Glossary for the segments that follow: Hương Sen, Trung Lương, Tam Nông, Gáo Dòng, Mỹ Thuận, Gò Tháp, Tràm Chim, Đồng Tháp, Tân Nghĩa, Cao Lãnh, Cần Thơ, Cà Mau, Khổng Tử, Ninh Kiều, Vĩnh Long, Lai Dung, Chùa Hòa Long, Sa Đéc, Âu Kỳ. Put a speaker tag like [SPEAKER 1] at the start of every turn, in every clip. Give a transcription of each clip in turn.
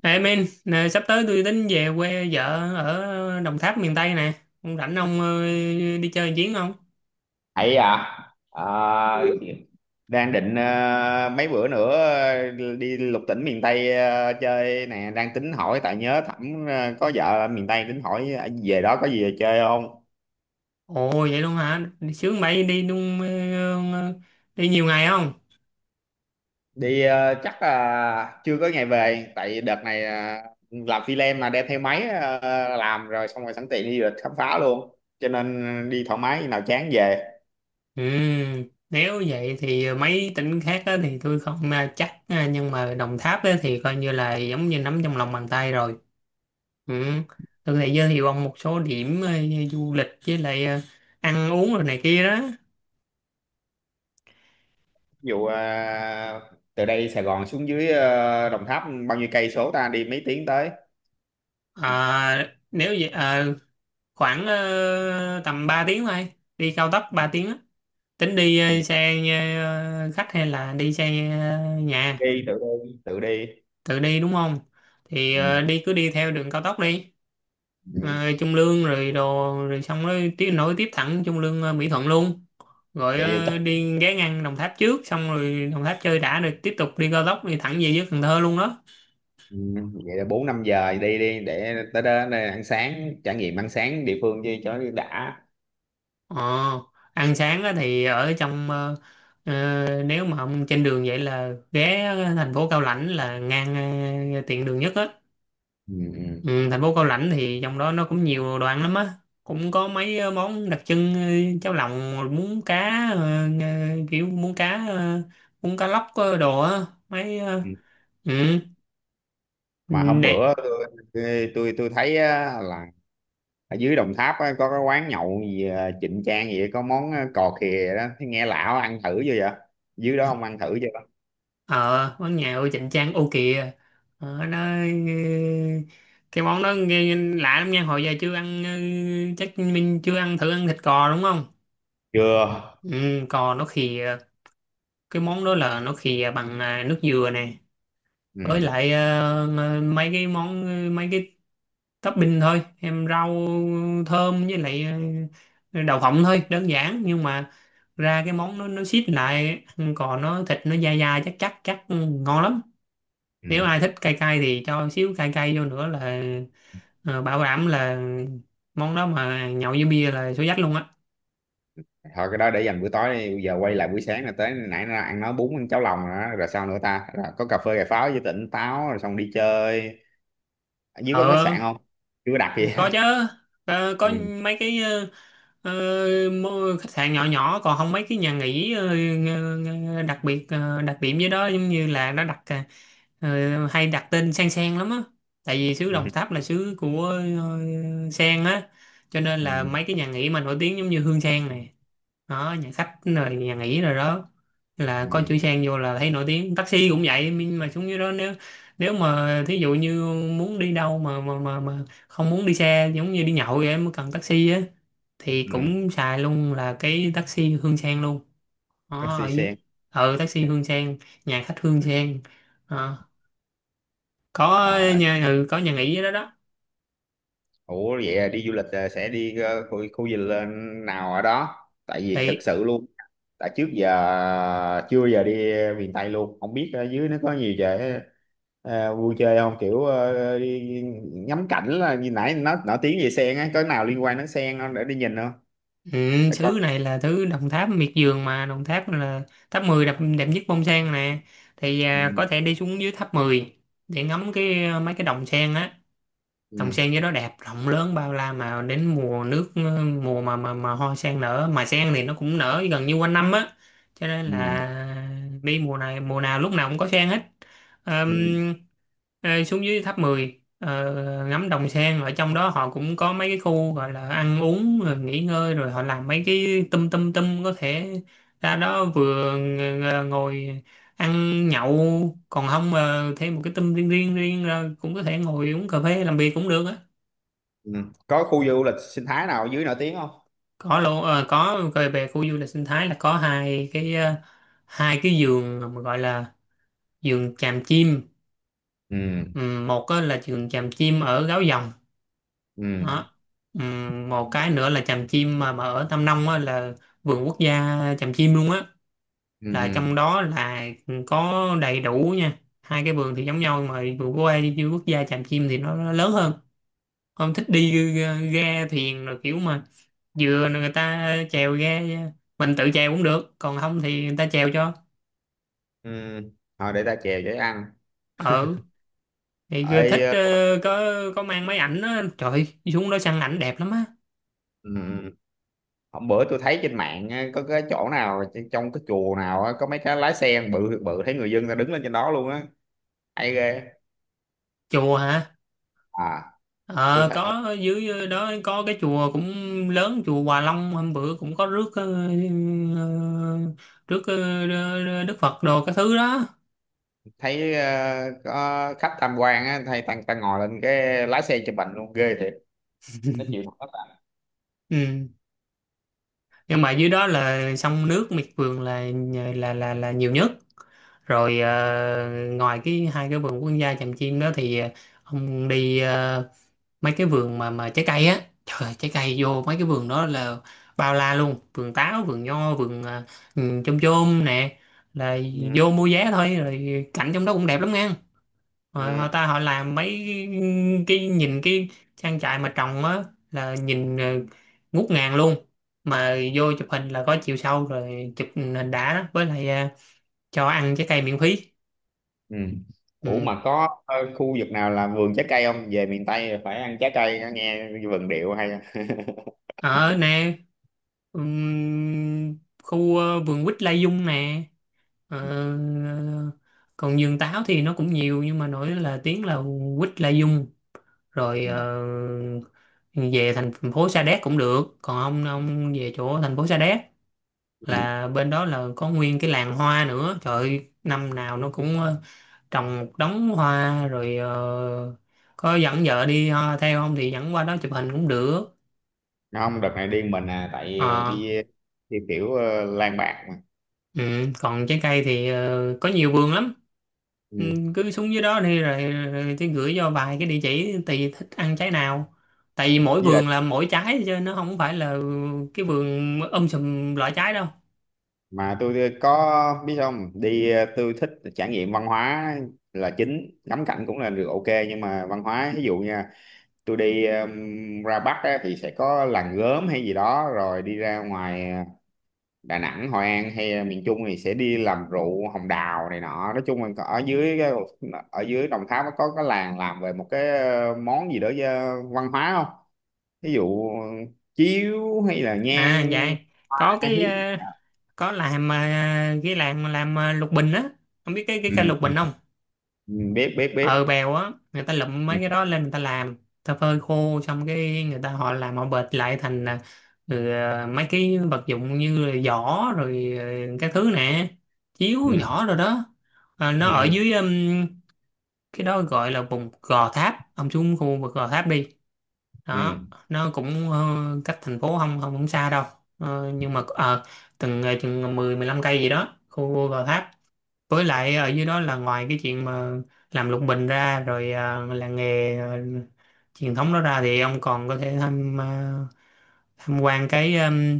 [SPEAKER 1] Ê men, nè, sắp tới tôi tính về quê vợ ở Đồng Tháp miền Tây nè. Ông rảnh ông, đi chơi một chuyến không?
[SPEAKER 2] Ấy à. Ờ, đang định mấy bữa nữa đi lục tỉnh miền Tây chơi nè. Đang tính hỏi tại nhớ Thẩm có vợ ở miền Tây, tính hỏi về đó có gì về chơi không.
[SPEAKER 1] Ồ vậy luôn hả? Đi Sướng bậy đi luôn, ờ, đi nhiều ngày không?
[SPEAKER 2] Đi chắc là chưa có ngày về. Tại đợt này làm phi lem mà đem theo máy làm rồi, xong rồi sẵn tiện đi du lịch khám phá luôn, cho nên đi thoải mái, khi nào chán về.
[SPEAKER 1] Ừ, nếu vậy thì mấy tỉnh khác á thì tôi không chắc, nhưng mà Đồng Tháp á thì coi như là giống như nắm trong lòng bàn tay rồi. Ừ. Tôi có thể giới thiệu ông một số điểm du lịch với lại ăn uống rồi này kia đó.
[SPEAKER 2] Ví dụ từ đây Sài Gòn xuống dưới Đồng Tháp bao nhiêu cây số ta, đi mấy tiếng tới?
[SPEAKER 1] À, nếu vậy à, khoảng tầm 3 tiếng thôi, đi cao tốc 3 tiếng á. Tính đi xe khách hay là đi xe nhà
[SPEAKER 2] đi tự Đi tự đi.
[SPEAKER 1] tự đi đúng không? Thì
[SPEAKER 2] Ừ.
[SPEAKER 1] đi cứ đi theo đường cao tốc đi.
[SPEAKER 2] Ừ.
[SPEAKER 1] Ờ, Trung Lương rồi đồ, rồi xong rồi tiếp nối tiếp thẳng Trung Lương Mỹ Thuận luôn, rồi
[SPEAKER 2] Vậy yêu chắc.
[SPEAKER 1] đi ghé ngang Đồng Tháp trước, xong rồi Đồng Tháp chơi đã rồi tiếp tục đi cao tốc đi thẳng về dưới Cần Thơ luôn đó.
[SPEAKER 2] Ừ. Vậy là 4 5 giờ đi, đi để tới đó đây ăn sáng, trải nghiệm ăn sáng địa phương chứ cho đã.
[SPEAKER 1] Ờ, ăn sáng á thì ở trong, nếu mà ông trên đường vậy là ghé thành phố Cao Lãnh là ngang, tiện đường nhất á.
[SPEAKER 2] Ừ. Ừ.
[SPEAKER 1] Ừ, thành phố Cao Lãnh thì trong đó nó cũng nhiều đồ ăn lắm á. Cũng có mấy món đặc trưng, cháo lòng, muống cá, kiểu muống cá, muống cá lóc đồ á, mấy, ờ,
[SPEAKER 2] Ừ.
[SPEAKER 1] ừ,
[SPEAKER 2] Mà hôm
[SPEAKER 1] để
[SPEAKER 2] bữa tôi tôi thấy á, là ở dưới Đồng Tháp á, có cái quán nhậu gì à, Trịnh Trang gì, có món à, cò khìa đó. Thấy nghe lão ăn thử chưa vậy? Dưới đó ông ăn thử chưa?
[SPEAKER 1] ờ món nhậu chỉnh trang ô kìa. Nó cái món đó nghe lạ lắm nha, hồi giờ chưa ăn. Ừ, chắc mình chưa ăn thử, ăn thịt cò đúng không?
[SPEAKER 2] Chưa.
[SPEAKER 1] Ừ, cò nó khìa. Cái món đó là nó khìa bằng à, nước dừa nè, với
[SPEAKER 2] Ừ.
[SPEAKER 1] lại mấy cái món, mấy cái topping thôi, em rau thơm, với lại đậu phộng thôi, đơn giản nhưng mà ra cái món nó xít lại, ăn cò nó thịt nó dai dai, chắc chắc chắc Ừ, ngon lắm. Nếu
[SPEAKER 2] Ừ.
[SPEAKER 1] ai thích cay cay thì cho xíu cay cay vô nữa là bảo đảm là món đó mà nhậu với bia là số dách luôn á.
[SPEAKER 2] Thôi, cái đó để dành bữa tối đi. Bây giờ quay lại buổi sáng, là tới nãy nó ăn, nói bún, ăn cháo lòng rồi đó. Rồi sao nữa ta, rồi có cà phê cà pháo với tỉnh táo rồi xong đi chơi. Ở dưới có khách
[SPEAKER 1] Ờ,
[SPEAKER 2] sạn không? Chưa có đặt gì.
[SPEAKER 1] có chứ, có, có.
[SPEAKER 2] Ừ.
[SPEAKER 1] Mấy cái, ờ, khách sạn nhỏ nhỏ, còn không mấy cái nhà nghỉ, đặc biệt đặc điểm với đó giống như là nó đặt, hay đặt tên sen sen lắm á, tại vì xứ
[SPEAKER 2] Ừ.
[SPEAKER 1] Đồng Tháp là xứ của ờ, sen á, cho nên là
[SPEAKER 2] Ừ.
[SPEAKER 1] mấy cái nhà nghỉ mà nổi tiếng giống như Hương Sen này đó, nhà khách rồi nhà nghỉ rồi đó, là có
[SPEAKER 2] Ừ.
[SPEAKER 1] chữ sang vô là thấy nổi tiếng. Taxi cũng vậy, nhưng mà xuống dưới đó, nếu, nếu mà thí dụ như muốn đi đâu mà mà không muốn đi xe, giống như đi nhậu vậy mới cần taxi á, thì
[SPEAKER 2] Ừ.
[SPEAKER 1] cũng xài luôn là cái taxi Hương Sen luôn. Đó, ở
[SPEAKER 2] Taxi
[SPEAKER 1] dưới,
[SPEAKER 2] sen.
[SPEAKER 1] ừ, taxi Hương Sen, nhà khách Hương Sen. Ờ, có
[SPEAKER 2] Ờ.
[SPEAKER 1] nhà, ừ, có nhà nghỉ ở đó đó
[SPEAKER 2] Ủa vậy à, đi du lịch à, sẽ đi khu du lịch nào ở đó? Tại vì thực
[SPEAKER 1] thì.
[SPEAKER 2] sự luôn, tại trước giờ chưa giờ đi miền Tây luôn, không biết ở dưới nó có nhiều chỗ vui chơi không? Kiểu đi ngắm cảnh. Là như nãy nó nổi tiếng về sen á, có nào liên quan đến sen không để đi nhìn không?
[SPEAKER 1] Ừ,
[SPEAKER 2] Để coi.
[SPEAKER 1] sứ này là thứ Đồng Tháp miệt vườn mà, Đồng Tháp là tháp 10 đẹp, đẹp nhất bông sen nè, thì à,
[SPEAKER 2] Ừ,
[SPEAKER 1] có thể đi xuống dưới tháp 10 để ngắm cái, mấy cái đồng sen á.
[SPEAKER 2] ừ,
[SPEAKER 1] Đồng sen với đó đẹp, rộng lớn bao la, mà đến mùa nước, mùa mà mà hoa sen nở, mà sen thì nó cũng nở gần như quanh năm á, cho nên
[SPEAKER 2] ừ,
[SPEAKER 1] là đi mùa này, mùa nào lúc nào cũng có sen hết.
[SPEAKER 2] ừ,
[SPEAKER 1] Ờm, Xuống dưới tháp mười, ngắm đồng sen, ở trong đó họ cũng có mấy cái khu gọi là ăn uống rồi nghỉ ngơi, rồi họ làm mấy cái tum tum tum, có thể ra đó vừa ngồi ăn nhậu, còn không mà thêm một cái tâm riêng riêng riêng ra cũng có thể ngồi uống cà phê làm việc cũng được á.
[SPEAKER 2] ừ. Có khu du lịch sinh thái nào ở dưới nổi tiếng không?
[SPEAKER 1] Có lô, có về về khu du lịch sinh thái là có hai cái, hai cái vườn mà gọi là vườn chàm chim.
[SPEAKER 2] Ừ,
[SPEAKER 1] Một á là vườn chàm chim ở Gáo Dòng
[SPEAKER 2] ừ,
[SPEAKER 1] đó. Một cái nữa là chàm chim mà ở Tam Nông á, là vườn quốc gia chàm chim luôn á,
[SPEAKER 2] ừ,
[SPEAKER 1] là trong
[SPEAKER 2] ừ.
[SPEAKER 1] đó là có đầy đủ nha. Hai cái vườn thì giống nhau, nhưng mà vườn quốc gia, vườn quốc gia chàm chim thì nó lớn hơn. Không thích đi ga thuyền rồi, kiểu mà vừa người ta chèo ga, mình tự chèo cũng được, còn không thì người ta chèo cho.
[SPEAKER 2] Ừ. Thôi để ta chèo để ăn.
[SPEAKER 1] Ừ, thì cứ thích, có mang máy ảnh á, trời ơi, xuống đó săn ảnh đẹp lắm á.
[SPEAKER 2] Ở, hôm bữa tôi thấy trên mạng á, có cái chỗ nào trong cái chùa nào á, có mấy cái lái xe bự bự, thấy người dân ta đứng lên trên đó luôn á. Hay ghê.
[SPEAKER 1] Chùa hả?
[SPEAKER 2] À tôi
[SPEAKER 1] Ờ,
[SPEAKER 2] thấy không,
[SPEAKER 1] có, dưới đó có cái chùa cũng lớn, chùa Hòa Long, hôm bữa cũng có rước, ờ, rước Đức Phật đồ, cái thứ đó.
[SPEAKER 2] thấy có khách tham quan á, thấy tăng tăng ngồi lên cái lái xe chụp ảnh luôn, ghê thiệt. Nó chịu thật tất cả.
[SPEAKER 1] Ừ, nhưng mà dưới đó là sông nước miệt vườn là là nhiều nhất. Rồi ngoài cái hai cái vườn quốc gia Tràm Chim đó thì, ông đi mấy cái vườn mà trái cây á. Trời ơi, trái cây vô mấy cái vườn đó là bao la luôn, vườn táo, vườn nho, vườn, chôm chôm nè, là
[SPEAKER 2] Ừ,
[SPEAKER 1] vô mua vé thôi, rồi cảnh trong đó cũng đẹp lắm nha. Ờ, họ
[SPEAKER 2] ừ,
[SPEAKER 1] ta họ làm mấy cái nhìn cái trang trại mà trồng á là nhìn, ngút ngàn luôn. Mà vô chụp hình là có chiều sâu, rồi chụp hình đã đó, với lại cho ăn trái cây miễn phí.
[SPEAKER 2] ừ. Ủa
[SPEAKER 1] Ừ.
[SPEAKER 2] mà có khu vực nào là vườn trái cây không, về miền Tây phải ăn trái cây nghe vườn điệu hay.
[SPEAKER 1] Ở nè, khu, vườn quýt Lai Dung nè. Ờ, còn vườn táo thì nó cũng nhiều, nhưng mà nổi là tiếng là quýt Lai Dung. Rồi
[SPEAKER 2] Ừ.
[SPEAKER 1] về thành phố Sa Đéc cũng được, còn ông về chỗ thành phố Sa Đéc
[SPEAKER 2] Ừ.
[SPEAKER 1] là bên đó là có nguyên cái làng hoa nữa, trời ơi, năm nào nó cũng trồng một đống hoa. Rồi có dẫn vợ đi theo không, thì dẫn qua đó chụp hình cũng được.
[SPEAKER 2] Không, đợt này đi mình à, tại
[SPEAKER 1] Ờ.
[SPEAKER 2] đi theo kiểu lang bạc mà.
[SPEAKER 1] Ừ, còn trái cây thì có nhiều vườn lắm. Ừ,
[SPEAKER 2] Ừ.
[SPEAKER 1] cứ xuống dưới đó đi, rồi tôi gửi cho vài cái địa chỉ, tùy thích ăn trái nào, tại vì mỗi
[SPEAKER 2] Với lại
[SPEAKER 1] vườn là mỗi trái chứ nó không phải là cái vườn sùm loại trái đâu.
[SPEAKER 2] mà tôi có biết không, đi tôi thích trải nghiệm văn hóa là chính, ngắm cảnh cũng là được ok nhưng mà văn hóa ví dụ nha, tôi đi ra Bắc á, thì sẽ có làng gốm hay gì đó, rồi đi ra ngoài Đà Nẵng Hội An hay miền Trung thì sẽ đi làm rượu hồng đào này nọ. Nói chung là ở dưới ở dưới Đồng Tháp nó có cái làng làm về một cái món gì đó văn hóa không? Ví dụ chiếu hay là
[SPEAKER 1] À
[SPEAKER 2] nhang.
[SPEAKER 1] dạ, có
[SPEAKER 2] Ta
[SPEAKER 1] cái,
[SPEAKER 2] hiếp.
[SPEAKER 1] có làm, ờ, cái làm lục bình á, không biết cái cây
[SPEAKER 2] Ừ,
[SPEAKER 1] lục bình không?
[SPEAKER 2] ừ, biết biết
[SPEAKER 1] Ờ,
[SPEAKER 2] biết.
[SPEAKER 1] bèo á, người ta lụm
[SPEAKER 2] Ừ.
[SPEAKER 1] mấy cái đó lên, người ta làm, người ta phơi khô, xong cái người ta họ làm, họ bệt lại thành à, ừ, à, mấy cái vật dụng như là giỏ rồi, cái thứ nè, chiếu
[SPEAKER 2] Ừ.
[SPEAKER 1] giỏ rồi đó. À, nó
[SPEAKER 2] Ừ.
[SPEAKER 1] ở dưới, cái đó gọi là vùng Gò Tháp. Ông xuống khu vực Gò Tháp đi,
[SPEAKER 2] Ừ.
[SPEAKER 1] đó nó cũng, cách thành phố không không không xa đâu. Ờ, nhưng mà chừng 10 15 cây gì đó khu Gò Tháp. Với lại ở dưới đó là ngoài cái chuyện mà làm lục bình ra, rồi à, làng nghề à, truyền thống đó ra, thì ông còn có thể tham quan cái,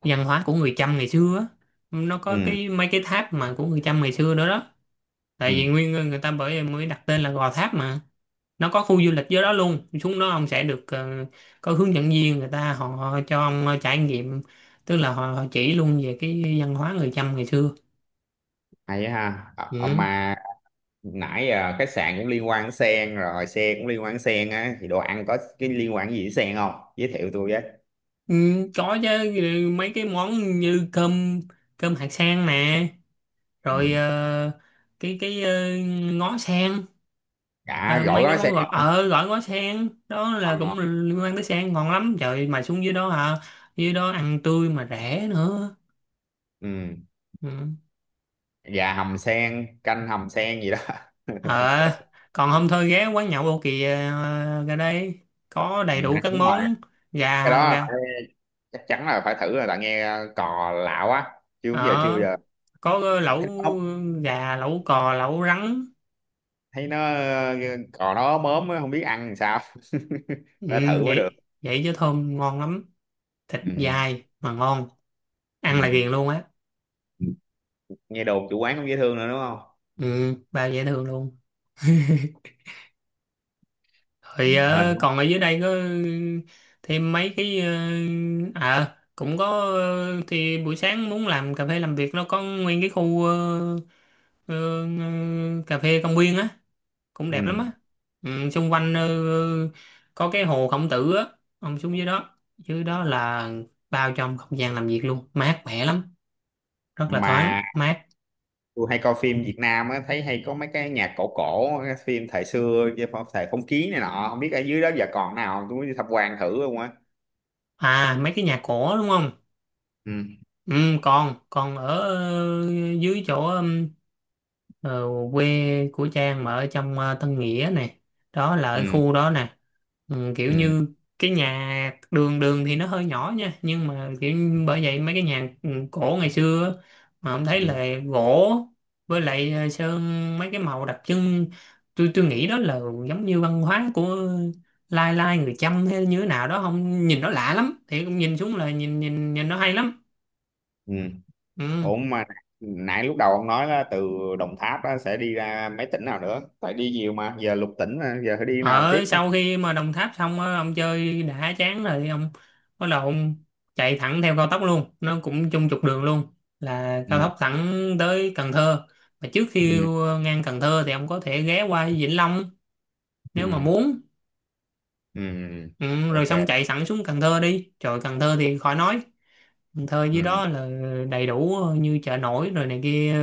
[SPEAKER 1] văn hóa của người Chăm ngày xưa á. Nó có
[SPEAKER 2] Ừ.
[SPEAKER 1] cái mấy cái tháp mà của người Chăm ngày xưa đó đó, tại
[SPEAKER 2] Ừ.
[SPEAKER 1] vì nguyên người, ta bởi mới đặt tên là Gò Tháp mà. Nó có khu du lịch dưới đó luôn, xuống đó ông sẽ được, có hướng dẫn viên, người ta họ cho ông trải nghiệm, tức là họ chỉ luôn về cái văn hóa người Chăm ngày xưa.
[SPEAKER 2] Hay á ha. Ờ,
[SPEAKER 1] Ừ.
[SPEAKER 2] mà nãy giờ khách sạn cũng liên quan đến sen rồi, xe cũng liên quan đến sen á, thì đồ ăn có cái liên quan gì đến sen không, giới thiệu tôi với.
[SPEAKER 1] Ừ, có chứ. Ừ, mấy cái món như cơm, cơm hạt sen nè,
[SPEAKER 2] Ừ.
[SPEAKER 1] rồi cái cái ờ, ngó sen.
[SPEAKER 2] Cả gỏi
[SPEAKER 1] Mấy cái
[SPEAKER 2] gói
[SPEAKER 1] món
[SPEAKER 2] sen
[SPEAKER 1] gọi
[SPEAKER 2] không?
[SPEAKER 1] gọi ngó sen đó là
[SPEAKER 2] Còn
[SPEAKER 1] cũng
[SPEAKER 2] ngon.
[SPEAKER 1] liên quan tới sen, ngon lắm trời, mà xuống dưới đó hả, dưới đó ăn tươi mà rẻ nữa.
[SPEAKER 2] Ừ.
[SPEAKER 1] Ừ.
[SPEAKER 2] Gà hầm sen, canh hầm sen gì đó.
[SPEAKER 1] Ờ, còn hôm thôi ghé quán nhậu Âu Kỳ ra đây, có
[SPEAKER 2] Ừ.
[SPEAKER 1] đầy đủ các
[SPEAKER 2] Đúng rồi.
[SPEAKER 1] món.
[SPEAKER 2] cái
[SPEAKER 1] gà
[SPEAKER 2] đó
[SPEAKER 1] gà
[SPEAKER 2] phải- Chắc chắn là phải thử rồi. Tại nghe cò lạ quá. Chưa bao giờ, chưa bao
[SPEAKER 1] ờ,
[SPEAKER 2] giờ
[SPEAKER 1] có lẩu
[SPEAKER 2] thấy nó ốc.
[SPEAKER 1] gà, lẩu cò, lẩu rắn.
[SPEAKER 2] Thấy nó cò nó ốm ốm á, không biết ăn làm sao.
[SPEAKER 1] Ừ,
[SPEAKER 2] Phải thử mới được.
[SPEAKER 1] vậy vậy chứ thơm ngon lắm, thịt
[SPEAKER 2] Ừ.
[SPEAKER 1] dai mà ngon, ăn là
[SPEAKER 2] Ừ.
[SPEAKER 1] ghiền luôn á.
[SPEAKER 2] Ừ. Nghe đồn chủ quán cũng dễ thương nữa đúng không?
[SPEAKER 1] Ừ, bao dễ thương luôn.
[SPEAKER 2] Ừ.
[SPEAKER 1] Rồi
[SPEAKER 2] Hình.
[SPEAKER 1] còn ở dưới đây có, ừ, thêm mấy cái, cũng có, thì buổi sáng muốn làm cà phê làm việc, nó có nguyên cái khu, cà phê công viên á, cũng
[SPEAKER 2] Ừ.
[SPEAKER 1] đẹp lắm á. Ừ, xung quanh, có cái hồ Khổng Tử á, ông xuống dưới đó, dưới đó là bao trong không gian làm việc luôn, mát mẻ lắm, rất là thoáng
[SPEAKER 2] Mà
[SPEAKER 1] mát.
[SPEAKER 2] tôi hay coi phim Việt Nam á, thấy hay có mấy cái nhạc cổ cổ, cái phim thời xưa, cái thời phong kiến này nọ. Không biết ở dưới đó giờ còn nào không, tôi muốn đi tham quan thử luôn á.
[SPEAKER 1] À, mấy cái nhà cổ đúng không?
[SPEAKER 2] Ừ.
[SPEAKER 1] Ừ, còn con ở, dưới chỗ, Ờ, quê của Trang mà, ở trong Tân Nghĩa nè, đó là ở
[SPEAKER 2] Ừ.
[SPEAKER 1] khu đó nè. Ừ, kiểu
[SPEAKER 2] Ừ.
[SPEAKER 1] như cái nhà đường đường thì nó hơi nhỏ nha, nhưng mà kiểu như bởi vậy mấy cái nhà, ừ, cổ ngày xưa á, mà ông thấy
[SPEAKER 2] Ừ.
[SPEAKER 1] là gỗ với lại sơn mấy cái màu đặc trưng. Tôi nghĩ đó là giống như văn hóa của lai lai người Chăm hay như thế nào đó, không, nhìn nó lạ lắm, thì cũng nhìn xuống là nhìn nhìn nhìn nó hay lắm.
[SPEAKER 2] Ừ.
[SPEAKER 1] Ừ.
[SPEAKER 2] Ổn mà. Nãy lúc đầu ông nói là từ Đồng Tháp á, sẽ đi ra mấy tỉnh nào nữa, tại đi nhiều mà giờ lục tỉnh mà, giờ phải đi nào
[SPEAKER 1] Ở
[SPEAKER 2] tiếp á?
[SPEAKER 1] sau khi mà Đồng Tháp xong á, ông chơi đã chán rồi, ông bắt đầu ông chạy thẳng theo cao tốc luôn, nó cũng chung trục đường luôn, là cao
[SPEAKER 2] Ừ.
[SPEAKER 1] tốc thẳng tới Cần Thơ. Mà trước khi
[SPEAKER 2] Ừ.
[SPEAKER 1] ngang Cần Thơ thì ông có thể ghé qua Vĩnh Long
[SPEAKER 2] Ừ.
[SPEAKER 1] nếu mà muốn.
[SPEAKER 2] Ừ.
[SPEAKER 1] Ừ, rồi
[SPEAKER 2] Ok.
[SPEAKER 1] xong chạy thẳng xuống Cần Thơ đi, trời Cần Thơ thì khỏi nói. Cần Thơ dưới
[SPEAKER 2] Ừ.
[SPEAKER 1] đó là đầy đủ, như chợ nổi rồi này kia,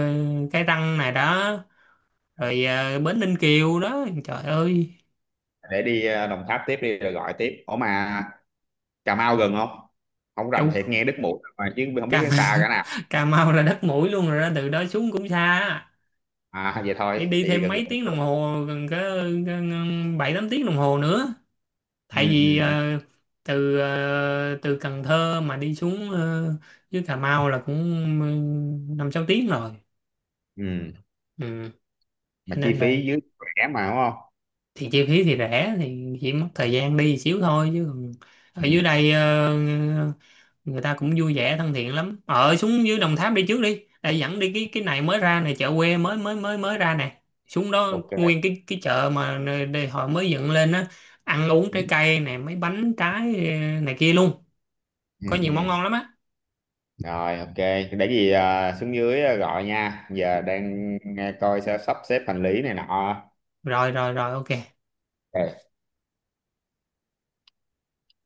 [SPEAKER 1] cái răng này đó, rồi bến Ninh Kiều đó, trời ơi.
[SPEAKER 2] Để đi Đồng Tháp tiếp đi rồi gọi tiếp. Ủa mà Cà Mau gần không? Không rành
[SPEAKER 1] Châu
[SPEAKER 2] thiệt, nghe đứt mũi mà chứ không
[SPEAKER 1] Cà,
[SPEAKER 2] biết nó xa cả nào.
[SPEAKER 1] Cà Mau là đất mũi luôn rồi đó, từ đó xuống cũng xa á.
[SPEAKER 2] À vậy thôi
[SPEAKER 1] Đi đi
[SPEAKER 2] thì
[SPEAKER 1] thêm
[SPEAKER 2] gần
[SPEAKER 1] mấy
[SPEAKER 2] gần.
[SPEAKER 1] tiếng đồng hồ, gần có bảy tám tiếng đồng hồ nữa,
[SPEAKER 2] Ừ,
[SPEAKER 1] tại vì
[SPEAKER 2] ừ, ừ.
[SPEAKER 1] từ Cần Thơ mà đi xuống dưới Cà Mau là cũng, ừ, năm sáu tiếng rồi.
[SPEAKER 2] Ừ.
[SPEAKER 1] Ừ.
[SPEAKER 2] Mà
[SPEAKER 1] Cho
[SPEAKER 2] chi
[SPEAKER 1] nên là
[SPEAKER 2] phí dưới rẻ mà đúng không?
[SPEAKER 1] thì chi phí thì rẻ, thì chỉ mất thời gian đi xíu thôi, chứ còn ở
[SPEAKER 2] Ừ.
[SPEAKER 1] dưới đây, người ta cũng vui vẻ thân thiện lắm. Ở xuống dưới Đồng Tháp đi trước đi, để dẫn đi cái này mới ra này, chợ quê mới mới mới mới ra nè. Xuống đó
[SPEAKER 2] Ok.
[SPEAKER 1] nguyên cái chợ mà đây họ mới dựng lên á, ăn uống,
[SPEAKER 2] Ừ.
[SPEAKER 1] trái cây nè, mấy bánh trái này kia luôn,
[SPEAKER 2] Ừ,
[SPEAKER 1] có nhiều món
[SPEAKER 2] ừ.
[SPEAKER 1] ngon lắm á.
[SPEAKER 2] Rồi ok, để cái gì à, xuống dưới à, gọi nha. Giờ đang à, coi sẽ sắp xếp hành lý này nọ.
[SPEAKER 1] Rồi rồi rồi ok.